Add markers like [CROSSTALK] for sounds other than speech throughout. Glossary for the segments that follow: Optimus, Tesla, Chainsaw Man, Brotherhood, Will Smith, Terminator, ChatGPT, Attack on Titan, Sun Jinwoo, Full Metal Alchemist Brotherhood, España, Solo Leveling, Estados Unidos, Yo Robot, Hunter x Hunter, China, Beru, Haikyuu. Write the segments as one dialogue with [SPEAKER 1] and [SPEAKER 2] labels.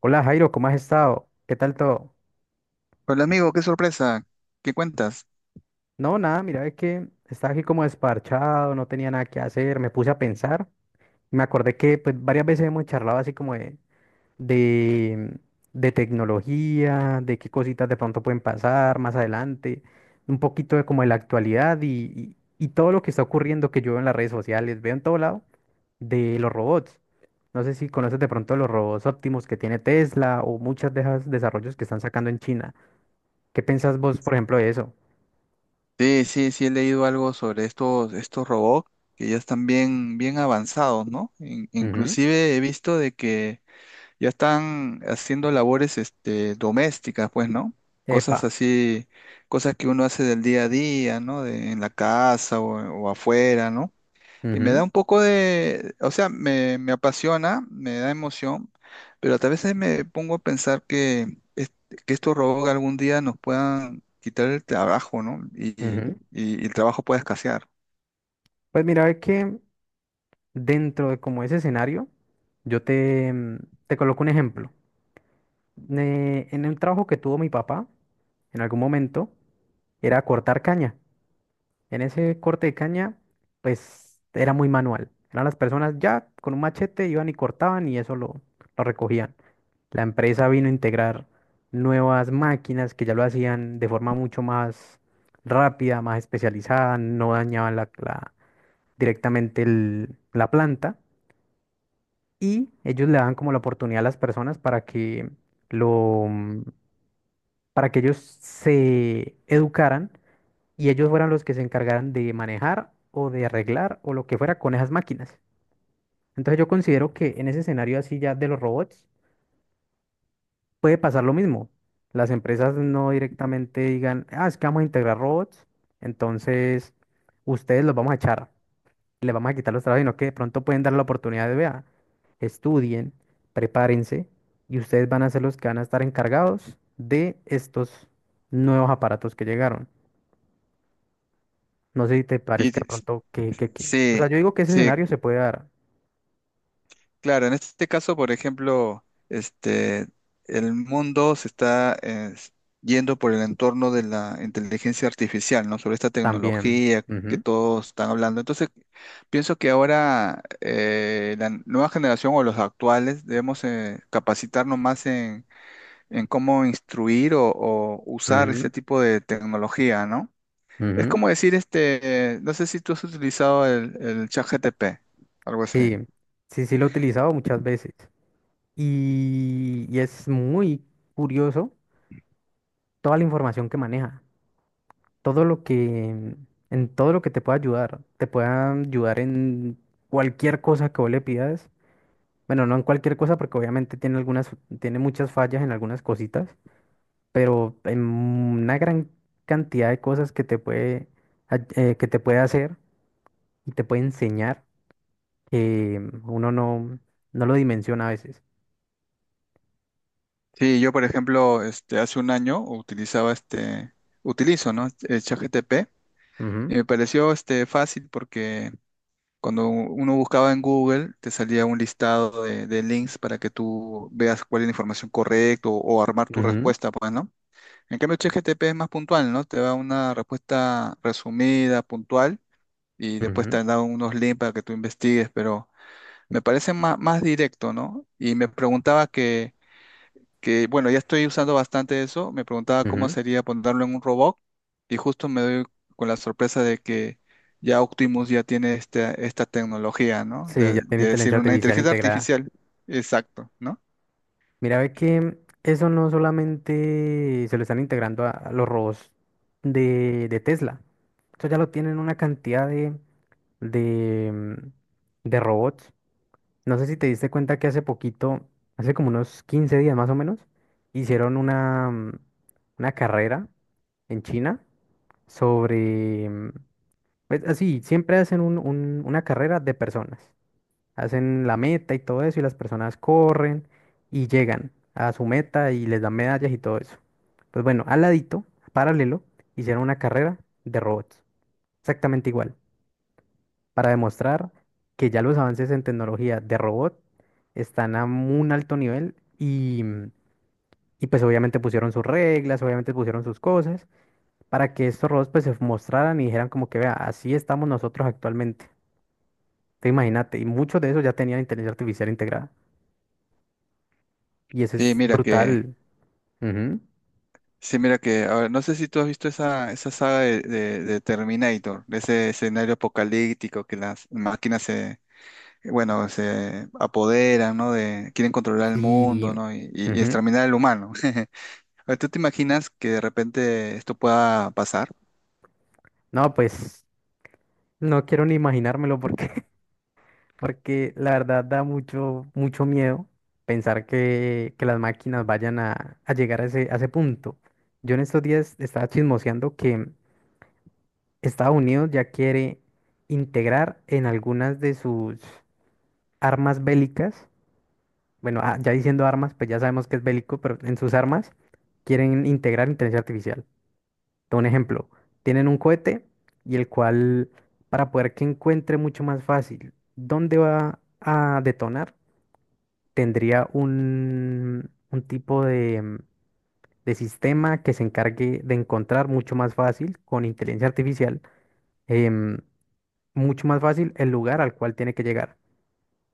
[SPEAKER 1] Hola Jairo, ¿cómo has estado? ¿Qué tal todo?
[SPEAKER 2] Hola amigo, qué sorpresa, ¿qué cuentas?
[SPEAKER 1] No, nada, mira, es que estaba aquí como desparchado, no tenía nada que hacer, me puse a pensar. Me acordé que pues varias veces hemos charlado así como de, de tecnología, de qué cositas de pronto pueden pasar más adelante, un poquito de como de la actualidad y todo lo que está ocurriendo que yo veo en las redes sociales, veo en todo lado de los robots. No sé si conoces de pronto los robots óptimos que tiene Tesla o muchas de esos desarrollos que están sacando en China. ¿Qué pensás vos, por ejemplo, de eso?
[SPEAKER 2] Sí, sí, sí he leído algo sobre estos robots que ya están bien avanzados, ¿no?
[SPEAKER 1] Ujú.
[SPEAKER 2] Inclusive he visto de que ya están haciendo labores, domésticas, pues, ¿no?
[SPEAKER 1] Epa.
[SPEAKER 2] Cosas así, cosas que uno hace del día a día, ¿no? En la casa o afuera, ¿no? Y me da
[SPEAKER 1] Ujú.
[SPEAKER 2] un poco de, o sea, me apasiona, me da emoción, pero a veces me pongo a pensar que que estos robots algún día nos puedan quitar el trabajo, ¿no?
[SPEAKER 1] Ujú.
[SPEAKER 2] Y el trabajo pueda escasear.
[SPEAKER 1] Pues mira, ve que dentro de como ese escenario, yo te coloco un ejemplo. En el trabajo que tuvo mi papá, en algún momento, era cortar caña. En ese corte de caña, pues era muy manual. Eran las personas ya con un machete iban y cortaban y eso lo recogían. La empresa vino a integrar nuevas máquinas que ya lo hacían de forma mucho más rápida, más especializada, no dañaban directamente la planta y ellos le daban como la oportunidad a las personas para que lo, para que ellos se educaran y ellos fueran los que se encargaran de manejar o de arreglar o lo que fuera con esas máquinas. Entonces yo considero que en ese escenario así ya de los robots puede pasar lo mismo. Las empresas no directamente digan, ah, es que vamos a integrar robots, entonces ustedes los vamos a echar, les vamos a quitar los trabajos, sino que de pronto pueden dar la oportunidad de, vea, estudien, prepárense y ustedes van a ser los que van a estar encargados de estos nuevos aparatos que llegaron. No sé si te
[SPEAKER 2] Sí,
[SPEAKER 1] parezca
[SPEAKER 2] sí,
[SPEAKER 1] de pronto o sea,
[SPEAKER 2] sí,
[SPEAKER 1] yo digo que ese
[SPEAKER 2] sí,
[SPEAKER 1] escenario se puede dar
[SPEAKER 2] claro. En este caso, por ejemplo, el mundo se está yendo por el entorno de la inteligencia artificial, ¿no? Sobre esta
[SPEAKER 1] también.
[SPEAKER 2] tecnología que
[SPEAKER 1] Ujú.
[SPEAKER 2] todos están hablando. Entonces, pienso que ahora la nueva generación o los actuales debemos capacitarnos más en cómo instruir o usar este
[SPEAKER 1] Ujú.
[SPEAKER 2] tipo de tecnología, ¿no? Es
[SPEAKER 1] Ujú.
[SPEAKER 2] como decir, no sé si tú has utilizado el ChatGPT, algo así.
[SPEAKER 1] Sí, sí, sí lo he utilizado muchas veces. Y es muy curioso toda la información que maneja. Todo lo que... En todo lo que te pueda ayudar. Te pueda ayudar en cualquier cosa que vos le pidas. Bueno, no en cualquier cosa porque obviamente tiene algunas... Tiene muchas fallas en algunas cositas. Pero en una gran cantidad de cosas que te puede hacer y te puede enseñar que uno no lo dimensiona a veces.
[SPEAKER 2] Sí, yo por ejemplo, hace un año utilizo, ¿no? Este, el ChatGPT,
[SPEAKER 1] Ujú.
[SPEAKER 2] y me pareció fácil porque cuando uno buscaba en Google te salía un listado de links para que tú veas cuál es la información correcta o armar tu
[SPEAKER 1] Ujú.
[SPEAKER 2] respuesta, pues, ¿no? En cambio, ChatGPT es más puntual, ¿no? Te da una respuesta resumida, puntual, y después te da unos links para que tú investigues, pero me parece más directo, ¿no? Y me preguntaba que bueno, ya estoy usando bastante eso. Me preguntaba
[SPEAKER 1] Ujú.
[SPEAKER 2] cómo
[SPEAKER 1] Ujú.
[SPEAKER 2] sería ponerlo en un robot, y justo me doy con la sorpresa de que ya Optimus ya tiene esta tecnología, ¿no?
[SPEAKER 1] Sí, ya
[SPEAKER 2] De,
[SPEAKER 1] tiene
[SPEAKER 2] de
[SPEAKER 1] inteligencia
[SPEAKER 2] decir una
[SPEAKER 1] artificial
[SPEAKER 2] inteligencia
[SPEAKER 1] integrada.
[SPEAKER 2] artificial. Exacto, ¿no?
[SPEAKER 1] Mira, ve que eso no solamente se lo están integrando a los robots de Tesla. Eso ya lo tienen una cantidad de, mm, de robots. No sé si te diste cuenta que hace poquito, hace como unos 15 días más o menos, hicieron una carrera en China sobre... mm, pues, así, siempre hacen una carrera de personas. Hacen la meta y todo eso y las personas corren y llegan a su meta y les dan medallas y todo eso. Pues bueno, al ladito, paralelo, hicieron una carrera de robots. Exactamente igual para demostrar que ya los avances en tecnología de robot están a un alto nivel y pues obviamente pusieron sus reglas, obviamente pusieron sus cosas para que estos robots pues se mostraran y dijeran como que vea, así estamos nosotros actualmente. Te imagínate, y muchos de esos ya tenían inteligencia artificial integrada y eso
[SPEAKER 2] Sí,
[SPEAKER 1] es brutal. Ujú.
[SPEAKER 2] sí, mira que ahora no sé si tú has visto esa saga de Terminator, de ese escenario apocalíptico que las máquinas se, bueno, se apoderan, ¿no? De, quieren controlar el
[SPEAKER 1] Sí.
[SPEAKER 2] mundo, ¿no? Y
[SPEAKER 1] Ujú.
[SPEAKER 2] exterminar al humano. [LAUGHS] Oye, ¿tú te imaginas que de repente esto pueda pasar?
[SPEAKER 1] No, pues no quiero ni imaginármelo porque [LAUGHS] porque la verdad da mucho, mucho miedo pensar que las máquinas vayan a llegar a ese punto. Yo en estos días estaba chismoseando que Estados Unidos ya quiere integrar en algunas de sus armas bélicas, bueno, ah, ya diciendo armas, pues ya sabemos que es bélico, pero en sus armas quieren integrar inteligencia artificial. Te doy un ejemplo, tienen un cohete y el cual, para poder que encuentre mucho más fácil, ¿dónde va a detonar? Tendría un tipo de sistema que se encargue de encontrar mucho más fácil con inteligencia artificial, em, mucho más fácil el lugar al cual tiene que llegar.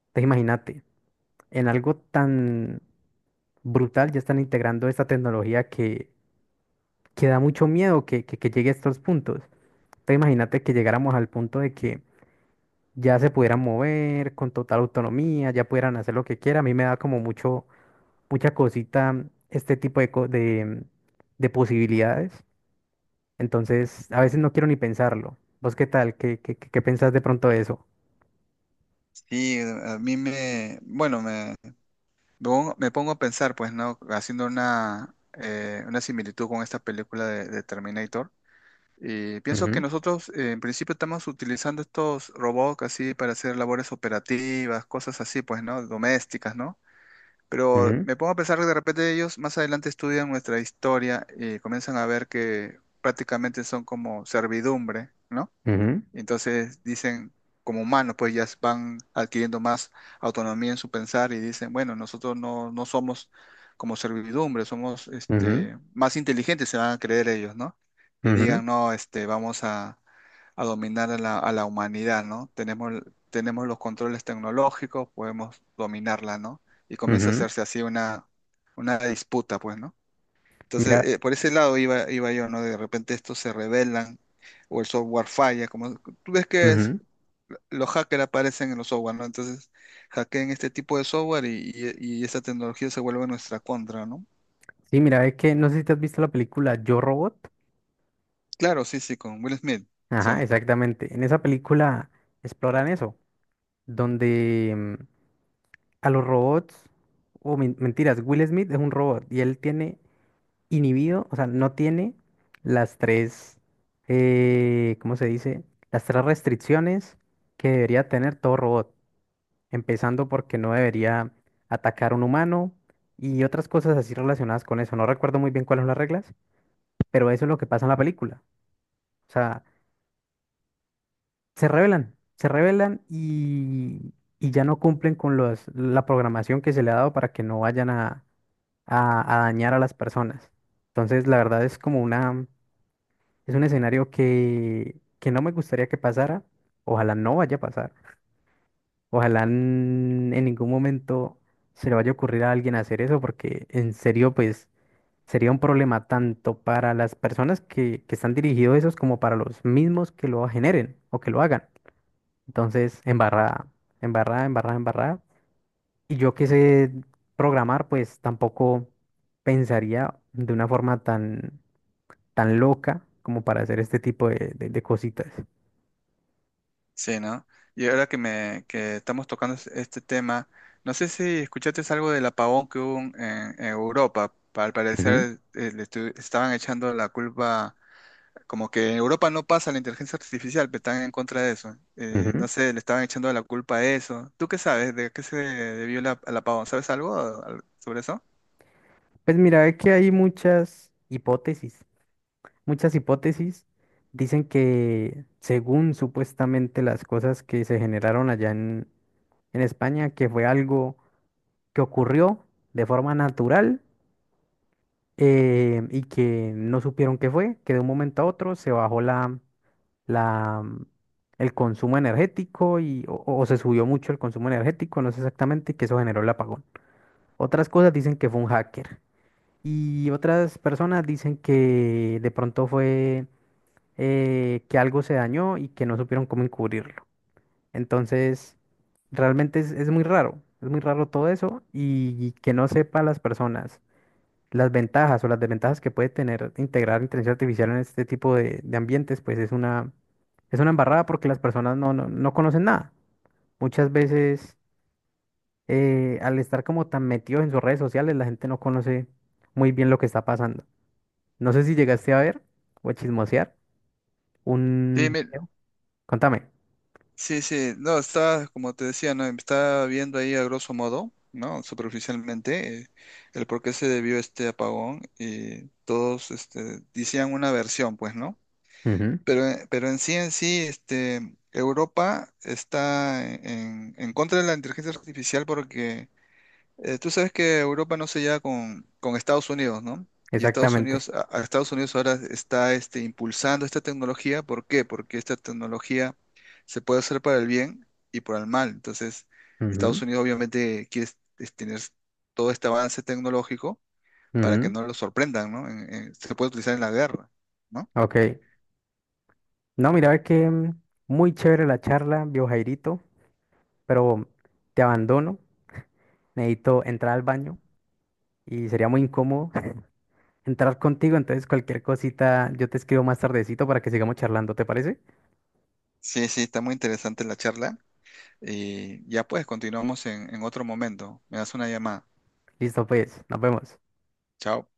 [SPEAKER 1] Entonces imagínate, en algo tan brutal ya están integrando esta tecnología que da mucho miedo que llegue a estos puntos. Entonces imagínate que llegáramos al punto de que ya se pudieran mover con total autonomía, ya pudieran hacer lo que quieran. A mí me da como mucho, mucha cosita este tipo de posibilidades. Entonces, a veces no quiero ni pensarlo. ¿Vos qué tal? ¿Qué pensás de pronto de eso?
[SPEAKER 2] Sí, a mí me, bueno, me pongo a pensar, pues, ¿no? Haciendo una similitud con esta película de Terminator. Y pienso que
[SPEAKER 1] Ujú.
[SPEAKER 2] nosotros, en principio, estamos utilizando estos robots así para hacer labores operativas, cosas así, pues, ¿no? Domésticas, ¿no? Pero
[SPEAKER 1] Ujú.
[SPEAKER 2] me pongo a pensar que de repente ellos más adelante estudian nuestra historia y comienzan a ver que prácticamente son como servidumbre, ¿no?
[SPEAKER 1] Ujú.
[SPEAKER 2] Entonces dicen, como humanos, pues ya van adquiriendo más autonomía en su pensar, y dicen, bueno, nosotros no, no somos como servidumbre, somos
[SPEAKER 1] Ujú.
[SPEAKER 2] más inteligentes, se van a creer ellos, ¿no? Y
[SPEAKER 1] Ujú.
[SPEAKER 2] digan, no, vamos a dominar a a la humanidad, ¿no? Tenemos, tenemos los controles tecnológicos, podemos dominarla, ¿no? Y comienza a
[SPEAKER 1] Ujú.
[SPEAKER 2] hacerse así una disputa, pues, ¿no? Entonces,
[SPEAKER 1] Mira.
[SPEAKER 2] por ese lado iba yo, ¿no? De repente estos se rebelan o el software falla, como tú ves que
[SPEAKER 1] Ujú.
[SPEAKER 2] los hackers aparecen en los software, ¿no? Entonces, hackean este tipo de software y esa tecnología se vuelve nuestra contra, ¿no?
[SPEAKER 1] Sí, mira, es que no sé si te has visto la película Yo Robot.
[SPEAKER 2] Claro, sí, sí, con Will Smith, sí,
[SPEAKER 1] Ajá, exactamente. En esa película exploran eso, donde a los robots, o mentiras, Will Smith es un robot y él tiene inhibido, o sea, no tiene las tres, ¿cómo se dice? Las tres restricciones que debería tener todo robot, empezando porque no debería atacar a un humano y otras cosas así relacionadas con eso. No recuerdo muy bien cuáles son las reglas, pero eso es lo que pasa en la película. O sea, se rebelan y ya no cumplen con la programación que se le ha dado para que no vayan a dañar a las personas. Entonces, la verdad es como una... Es un escenario que no me gustaría que pasara. Ojalá no vaya a pasar. Ojalá en ningún momento se le vaya a ocurrir a alguien hacer eso, porque en serio, pues sería un problema tanto para las personas que están dirigidos esos como para los mismos que lo generen o que lo hagan. Entonces, embarrada, embarrada, embarrada, embarrada. Y yo que sé programar, pues tampoco pensaría de una forma tan, tan loca como para hacer este tipo de cositas.
[SPEAKER 2] sí, ¿no? Y ahora que, me, que estamos este tema, no sé si escuchaste algo del apagón que hubo en Europa. Al parecer le estaban echando la culpa. Como que en Europa no pasa la inteligencia artificial, pero están en contra de eso. No
[SPEAKER 1] Ujú.
[SPEAKER 2] sé, le estaban echando la culpa a eso. ¿Tú qué sabes? ¿De qué se debió al apagón? ¿Sabes algo sobre eso?
[SPEAKER 1] Pues mira, es que hay muchas hipótesis. Muchas hipótesis dicen que según supuestamente las cosas que se generaron allá en España, que fue algo que ocurrió de forma natural, y que no supieron qué fue, que de un momento a otro se bajó la, mm, el consumo energético o se subió mucho el consumo energético, no sé exactamente, y que eso generó el apagón. Otras cosas dicen que fue un hacker. Y otras personas dicen que de pronto fue, que algo se dañó y que no supieron cómo encubrirlo. Entonces, realmente es muy raro, es muy raro todo eso y que no sepa las personas las ventajas o las desventajas que puede tener integrar inteligencia artificial en este tipo de ambientes, pues es una embarrada porque las personas no conocen nada. Muchas veces, al estar como tan metidos en sus redes sociales, la gente no conoce muy bien lo que está pasando. No sé si llegaste a ver o a chismosear
[SPEAKER 2] Sí,
[SPEAKER 1] un video. Contame.
[SPEAKER 2] sí, sí. No, está, como te decía, ¿no? Está viendo ahí a grosso modo, ¿no? Superficialmente, el por qué se debió este apagón, y todos decían una versión, pues, ¿no?
[SPEAKER 1] Ujú.
[SPEAKER 2] Pero en sí, Europa está en contra de la inteligencia artificial porque tú sabes que Europa no se lleva con Estados Unidos, ¿no? Y
[SPEAKER 1] Exactamente.
[SPEAKER 2] A Estados Unidos ahora está impulsando esta tecnología. ¿Por qué? Porque esta tecnología se puede hacer para el bien y para el mal. Entonces, Estados
[SPEAKER 1] Ujú.
[SPEAKER 2] Unidos obviamente tener todo este avance tecnológico para que
[SPEAKER 1] Ujú.
[SPEAKER 2] no lo sorprendan, ¿no? Se puede utilizar en la guerra, ¿no?
[SPEAKER 1] Ok. No, mira, ve que muy chévere la charla, viejo Jairito, pero te abandono. Necesito entrar al baño y sería muy incómodo [LAUGHS] entrar contigo. Entonces, cualquier cosita yo te escribo más tardecito para que sigamos charlando, ¿te parece?
[SPEAKER 2] Sí, sí, está muy interesante la charla. Y ya pues, continuamos en otro momento. Me das una llamada.
[SPEAKER 1] Listo, pues, nos vemos.
[SPEAKER 2] Chao.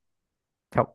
[SPEAKER 1] Chao.